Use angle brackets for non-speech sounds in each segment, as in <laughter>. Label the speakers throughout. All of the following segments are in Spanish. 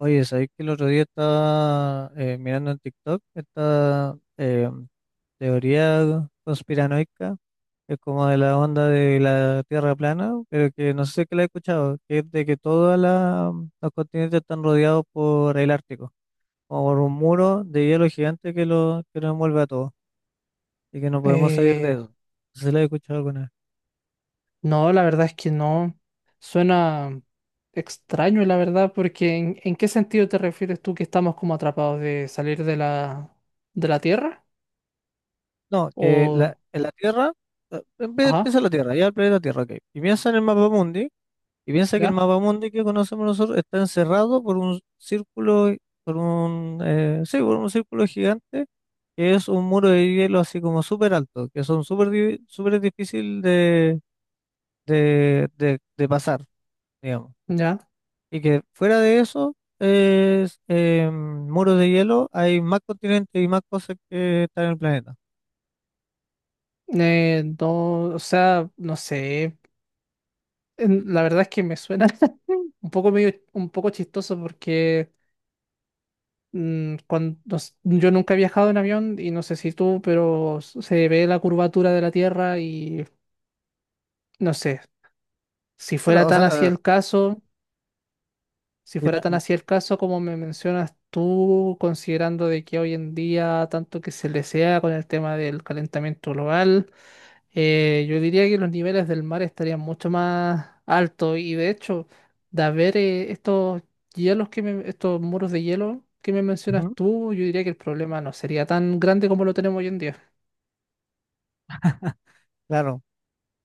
Speaker 1: Oye, ¿sabéis que el otro día estaba mirando en TikTok esta teoría conspiranoica, que es como de la onda de la Tierra plana, pero que no sé si que la he escuchado, que es de que todos los continentes están rodeados por el Ártico, como por un muro de hielo gigante que nos envuelve a todos y que no podemos salir de
Speaker 2: Eh,
Speaker 1: eso. No sé si la he escuchado alguna vez.
Speaker 2: no, la verdad es que no. Suena extraño, la verdad, porque en qué sentido te refieres tú que estamos como atrapados de salir de de la Tierra?
Speaker 1: No,
Speaker 2: O,
Speaker 1: en la Tierra,
Speaker 2: ajá,
Speaker 1: empieza la Tierra, ya el planeta Tierra, ok. Y piensa en el mapa. Y piensa que el
Speaker 2: ya,
Speaker 1: mapa mundi que conocemos nosotros está encerrado por un círculo, por un, sí, por un círculo gigante, que es un muro de hielo así como súper alto, que son súper difícil de, de pasar, digamos.
Speaker 2: ya.
Speaker 1: Y que fuera de eso, es muros de hielo, hay más continentes y más cosas que están en el planeta.
Speaker 2: No, o sea, no sé. La verdad es que me suena <laughs> un poco medio, un poco chistoso porque cuando, yo nunca he viajado en avión y no sé si tú, pero se ve la curvatura de la Tierra y no sé. Si
Speaker 1: Claro,
Speaker 2: fuera
Speaker 1: o
Speaker 2: tan así
Speaker 1: sea,
Speaker 2: el caso, si
Speaker 1: si
Speaker 2: fuera
Speaker 1: no-
Speaker 2: tan
Speaker 1: n-
Speaker 2: así el caso como me mencionas tú, considerando de que hoy en día tanto que se desea con el tema del calentamiento global, yo diría que los niveles del mar estarían mucho más altos y de hecho, de haber estos estos muros de hielo que me mencionas
Speaker 1: ujú,
Speaker 2: tú, yo diría que el problema no sería tan grande como lo tenemos hoy en día.
Speaker 1: claro,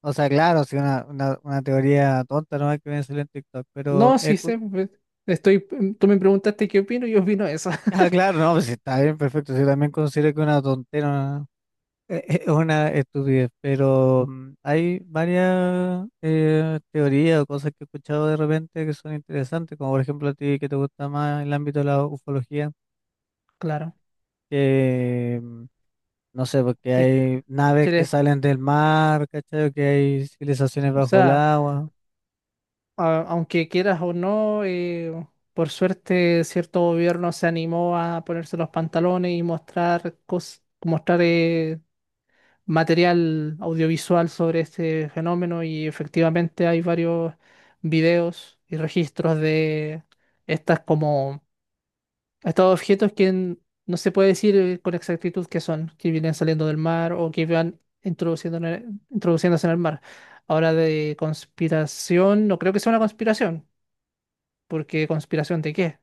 Speaker 1: o sea, claro, si una teoría tonta no hay que ver en TikTok, pero
Speaker 2: No,
Speaker 1: es...
Speaker 2: sí sé, pues, estoy, tú me preguntaste qué opino, yo opino eso.
Speaker 1: Ah,
Speaker 2: <laughs>
Speaker 1: claro, no, pues está bien, perfecto. Yo también considero que una tontera es una estupidez, pero mm, hay varias teorías o cosas que he escuchado de repente que son interesantes, como por ejemplo a ti que te gusta más el ámbito de la ufología,
Speaker 2: Claro,
Speaker 1: que mm, no sé, porque
Speaker 2: si
Speaker 1: hay naves que
Speaker 2: quieres,
Speaker 1: salen del mar, ¿cachai? O que hay civilizaciones
Speaker 2: o
Speaker 1: bajo el
Speaker 2: sea.
Speaker 1: agua,
Speaker 2: Aunque quieras o no, por suerte cierto gobierno se animó a ponerse los pantalones y mostrar mostrar material audiovisual sobre este fenómeno y efectivamente hay varios videos y registros de estas como estos objetos que no se puede decir con exactitud qué son, que vienen saliendo del mar o que van introduciendo en introduciéndose en el mar. Ahora de conspiración, no creo que sea una conspiración porque ¿conspiración de qué?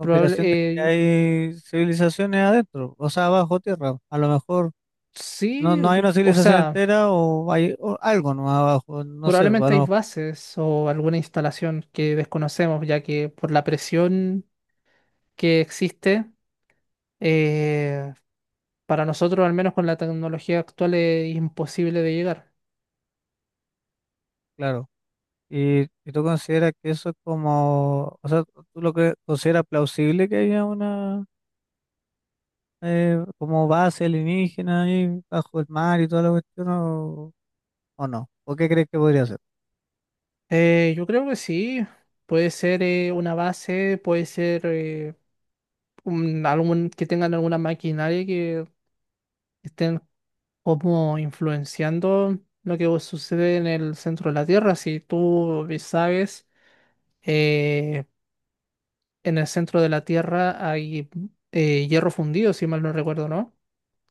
Speaker 2: Probable,
Speaker 1: de que hay civilizaciones adentro, o sea, bajo tierra, a lo mejor. No,
Speaker 2: sí,
Speaker 1: no hay una
Speaker 2: o
Speaker 1: civilización
Speaker 2: sea,
Speaker 1: entera o hay o algo nomás abajo, no sé,
Speaker 2: probablemente hay
Speaker 1: bueno,
Speaker 2: bases o alguna instalación que desconocemos, ya que por la presión que existe, eh, para nosotros, al menos con la tecnología actual, es imposible de llegar.
Speaker 1: claro. Y tú consideras que eso es como, o sea, tú lo que consideras plausible que haya una como base alienígena ahí bajo el mar y toda la cuestión o, ¿o no? ¿O qué crees que podría ser?
Speaker 2: Yo creo que sí, puede ser una base, puede ser algún, que tengan alguna maquinaria que estén como influenciando lo que sucede en el centro de la Tierra. Si tú sabes, eh, en el centro de la Tierra hay hierro fundido, si mal no recuerdo, ¿no?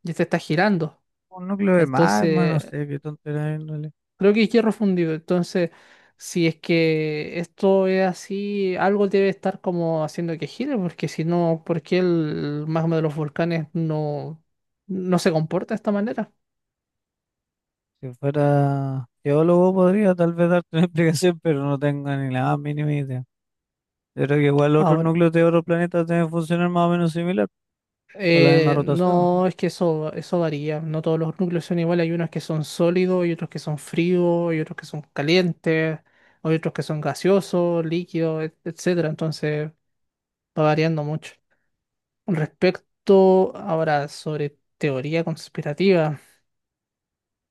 Speaker 2: Y este está girando.
Speaker 1: Un núcleo de magma, no
Speaker 2: Entonces,
Speaker 1: sé, qué tontería. De índole.
Speaker 2: creo que es hierro fundido. Entonces, si es que esto es así, algo debe estar como haciendo que gire, porque si no, ¿por qué el magma de los volcanes no se comporta de esta manera?
Speaker 1: Si fuera geólogo podría tal vez darte una <laughs> explicación, pero no tengo ni la más mínima idea. Yo creo que igual otros
Speaker 2: Ahora.
Speaker 1: núcleos de otros planetas deben funcionar más o menos similar. Con la misma
Speaker 2: Eh,
Speaker 1: rotación, ¿o no?
Speaker 2: no, es que eso varía. No todos los núcleos son iguales. Hay unos que son sólidos, hay otros que son fríos, hay otros que son calientes, hay otros que son gaseosos, líquidos, etcétera. Entonces va variando mucho. Respecto ahora sobre teoría conspirativa,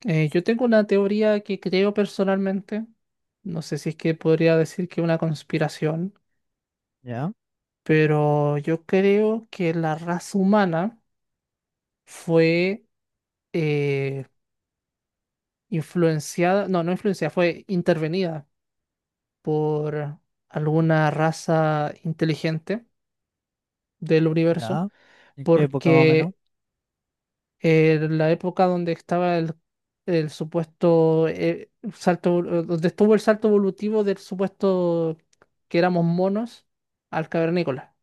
Speaker 2: yo tengo una teoría que creo personalmente. No sé si es que podría decir que una conspiración,
Speaker 1: Ya,
Speaker 2: pero yo creo que la raza humana fue eh, influenciada, no, no influenciada, fue intervenida por alguna raza inteligente del universo,
Speaker 1: ya. ¿En qué época más o menos?
Speaker 2: porque en la época donde estaba el supuesto donde estuvo el salto evolutivo del supuesto que éramos monos al cavernícola.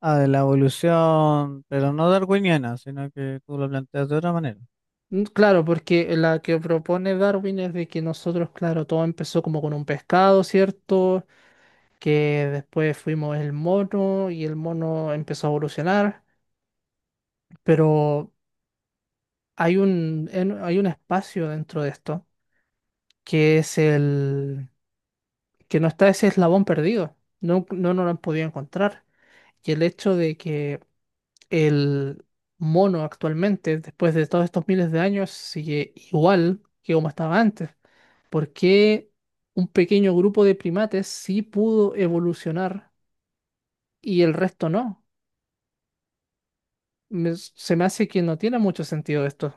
Speaker 1: Ah, de la evolución, pero no darwiniana, sino que tú lo planteas de otra manera.
Speaker 2: Claro, porque la que propone Darwin es de que nosotros, claro, todo empezó como con un pescado, ¿cierto? Que después fuimos el mono y el mono empezó a evolucionar, pero hay un, hay un espacio dentro de esto que es el que no está ese eslabón perdido, no, no, nos lo han podido encontrar. Y el hecho de que el mono actualmente, después de todos estos miles de años, sigue igual que como estaba antes. ¿Por qué un pequeño grupo de primates sí pudo evolucionar y el resto no? Se me hace que no tiene mucho sentido esto.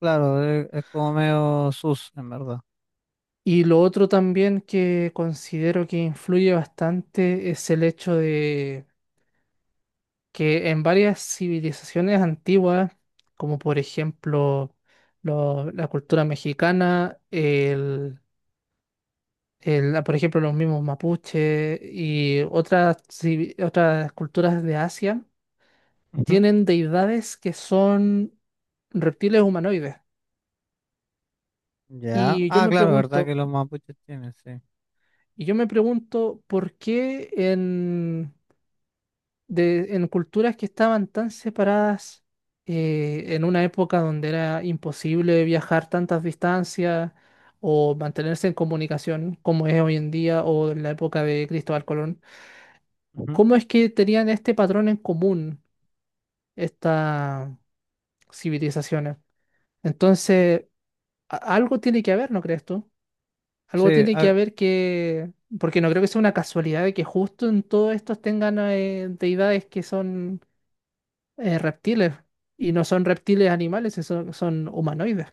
Speaker 1: Claro, es como medio sus, en verdad.
Speaker 2: Y lo otro también que considero que influye bastante es el hecho de que en varias civilizaciones antiguas, como por ejemplo la cultura mexicana, por ejemplo los mismos mapuches y otras, otras culturas de Asia,
Speaker 1: Ujú.
Speaker 2: tienen deidades que son reptiles humanoides.
Speaker 1: Ya.
Speaker 2: Y yo
Speaker 1: Ah,
Speaker 2: me
Speaker 1: claro, ¿verdad que
Speaker 2: pregunto,
Speaker 1: los mapuches tienen, sí.
Speaker 2: Y yo me pregunto por qué en culturas que estaban tan separadas, en una época donde era imposible viajar tantas distancias o mantenerse en comunicación como es hoy en día o en la época de Cristóbal Colón,
Speaker 1: Ujú.
Speaker 2: ¿cómo es que tenían este patrón en común estas civilizaciones? Entonces, algo tiene que haber, ¿no crees tú? Algo
Speaker 1: Sí,
Speaker 2: tiene que
Speaker 1: ah,
Speaker 2: haber que, porque no creo que sea una casualidad de que justo en todos estos tengan deidades que son reptiles y no son reptiles animales, son humanoides.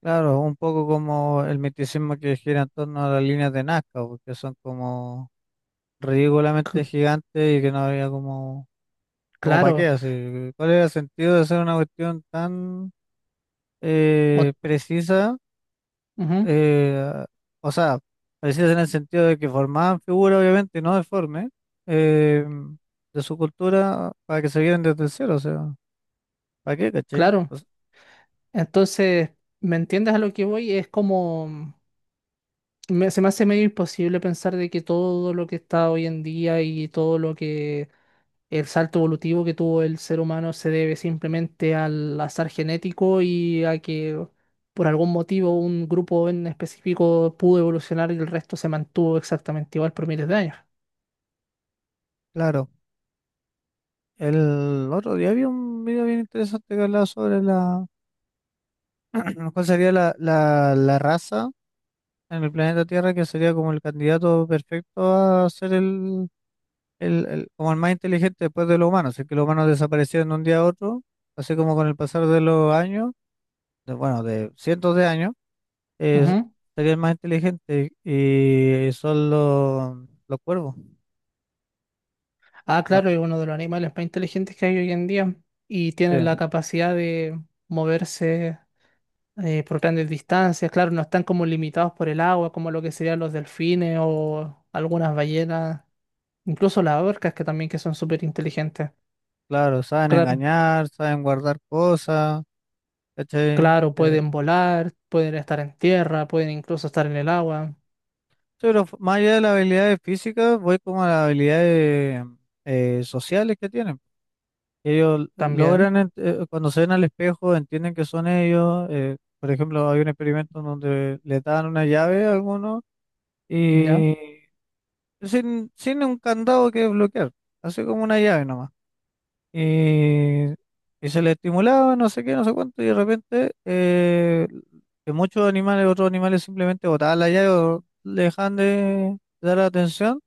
Speaker 1: claro, un poco como el misticismo que gira en torno a las líneas de Nazca, porque son como ridículamente
Speaker 2: C-
Speaker 1: gigantes y que no había como, como para qué,
Speaker 2: Claro,
Speaker 1: así. ¿Cuál era el sentido de hacer una cuestión tan
Speaker 2: o-
Speaker 1: precisa,
Speaker 2: ujú,
Speaker 1: eh, o sea, precisa en el sentido de que formaban figuras obviamente no deformes eh, de su cultura para que se vieran desde cero, o sea, ¿para qué, caché?
Speaker 2: claro.
Speaker 1: Pues,
Speaker 2: Entonces, ¿me entiendes a lo que voy? Es como, se me hace medio imposible pensar de que todo lo que está hoy en día y todo lo que el salto evolutivo que tuvo el ser humano se debe simplemente al azar genético y a que por algún motivo un grupo en específico pudo evolucionar y el resto se mantuvo exactamente igual por miles de años.
Speaker 1: claro, el otro día había un video bien interesante que hablaba sobre <clears throat> cuál sería la raza en el planeta Tierra que sería como el candidato perfecto a ser el como el más inteligente después de los humanos, si es que los humanos desaparecieron de un día a otro, así como con el pasar de los años, de, bueno, de cientos de años, es,
Speaker 2: Ujú.
Speaker 1: sería el más inteligente y son los cuervos,
Speaker 2: Ah,
Speaker 1: ¿no?
Speaker 2: claro, es uno de los animales más inteligentes que hay hoy en día y
Speaker 1: Sí,
Speaker 2: tienen la capacidad de moverse por grandes distancias. Claro, no están como limitados por el agua, como lo que serían los delfines o algunas ballenas, incluso las orcas que también que son súper inteligentes.
Speaker 1: claro, saben
Speaker 2: Claro.
Speaker 1: engañar, saben guardar cosas, ¿cachai?
Speaker 2: Claro, pueden
Speaker 1: Sí,
Speaker 2: volar, pueden estar en tierra, pueden incluso estar en el agua
Speaker 1: pero más allá de las habilidades físicas, voy como a las habilidades sociales que tienen. Ellos
Speaker 2: también,
Speaker 1: logran, cuando se ven al espejo, entienden que son ellos. Eh, por ejemplo, hay un experimento en donde le dan una llave a algunos
Speaker 2: ¿ya?
Speaker 1: y sin, sin un candado que bloquear, así como una llave nomás. Y, y se le estimulaba, no sé qué, no sé cuánto, y de repente que muchos animales, otros animales simplemente botaban la llave o le dejaban de dar atención.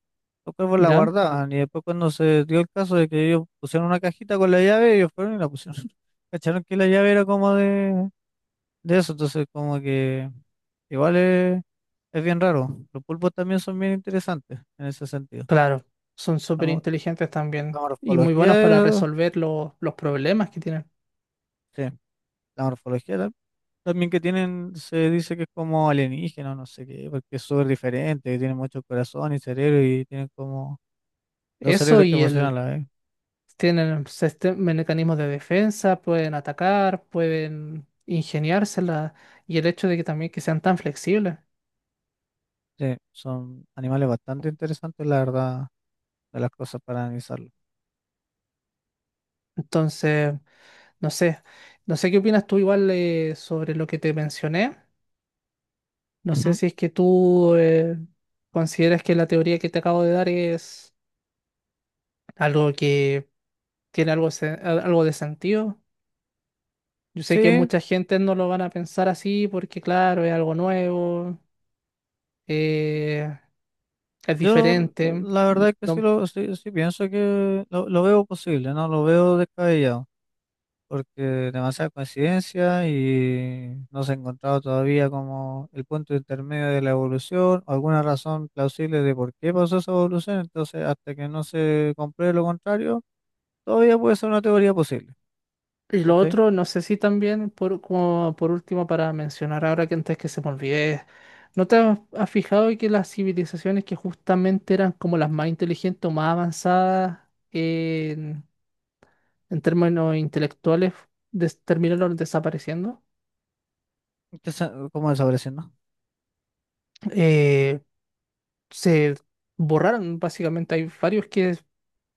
Speaker 1: Los pues la
Speaker 2: ¿Ya?
Speaker 1: guardaban y después cuando se dio el caso de que ellos pusieron una cajita con la llave, ellos fueron y la pusieron. <laughs> Cacharon que la llave era como de eso, entonces como que igual es bien raro. Los pulpos también son bien interesantes en ese sentido.
Speaker 2: Claro, son
Speaker 1: La,
Speaker 2: súper
Speaker 1: mo-
Speaker 2: inteligentes
Speaker 1: la
Speaker 2: también y muy buenos para
Speaker 1: morfología,
Speaker 2: resolver los problemas que tienen.
Speaker 1: sí, la morfología tam- también que tienen, se dice que es como alienígena, no sé qué, porque es súper diferente, que tienen mucho corazón y cerebro y tienen como dos
Speaker 2: Eso
Speaker 1: cerebros que
Speaker 2: y
Speaker 1: emocionan
Speaker 2: el,
Speaker 1: a la vez.
Speaker 2: tienen mecanismos de defensa, pueden atacar, pueden ingeniársela y el hecho de que también que sean tan flexibles.
Speaker 1: Sí, son animales bastante interesantes, la verdad. De las cosas para analizarlo.
Speaker 2: Entonces, no sé, no sé qué opinas tú igual sobre lo que te mencioné. No sé
Speaker 1: Ujú.
Speaker 2: si es que tú consideras que la teoría que te acabo de dar es algo que tiene algo, algo de sentido. Yo sé que
Speaker 1: Sí,
Speaker 2: mucha gente no lo van a pensar así porque, claro, es algo nuevo, eh, es
Speaker 1: yo
Speaker 2: diferente.
Speaker 1: la verdad que sí,
Speaker 2: No-
Speaker 1: lo, sí, sí pienso que lo veo posible, no lo veo descabellado, porque demasiada coincidencia y no se ha encontrado todavía como el punto intermedio de la evolución, o alguna razón plausible de por qué pasó esa evolución, entonces hasta que no se compruebe lo contrario, todavía puede ser una teoría posible,
Speaker 2: y lo
Speaker 1: ¿cachai?
Speaker 2: otro, no sé si también, por, como por último, para mencionar ahora que antes que se me olvide, ¿no te has fijado que las civilizaciones que justamente eran como las más inteligentes o más avanzadas, en términos intelectuales terminaron desapareciendo?
Speaker 1: Que se- como desaparecer, ¿no?
Speaker 2: Eh, se borraron, básicamente. Hay varios que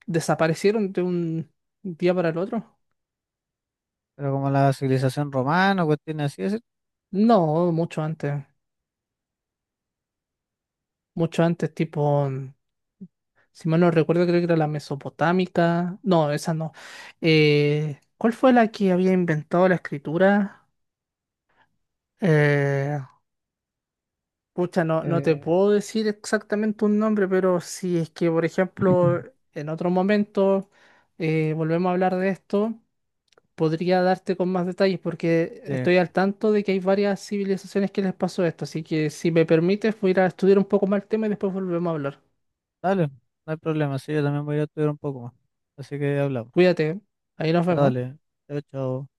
Speaker 2: desaparecieron de un día para el otro.
Speaker 1: Pero como la civilización romana o cuestiones así, es,
Speaker 2: No, mucho antes. Mucho antes, tipo, si mal no recuerdo, creo que era la mesopotámica. No, esa no. ¿Cuál fue la que había inventado la escritura? Eh, Pucha, no te
Speaker 1: eh,
Speaker 2: puedo decir exactamente un nombre, pero si es que, por ejemplo,
Speaker 1: <clears throat>
Speaker 2: en otro momento volvemos a hablar de esto, podría darte con más detalles porque
Speaker 1: sí.
Speaker 2: estoy al tanto de que hay varias civilizaciones que les pasó esto. Así que si me permites, voy a ir a estudiar un poco más el tema y después volvemos a hablar.
Speaker 1: Dale, no hay problema, sí, yo también voy a estudiar un poco más. Así que hablamos.
Speaker 2: Cuídate, ¿eh? Ahí nos
Speaker 1: Ya
Speaker 2: vemos.
Speaker 1: dale, chao, chao.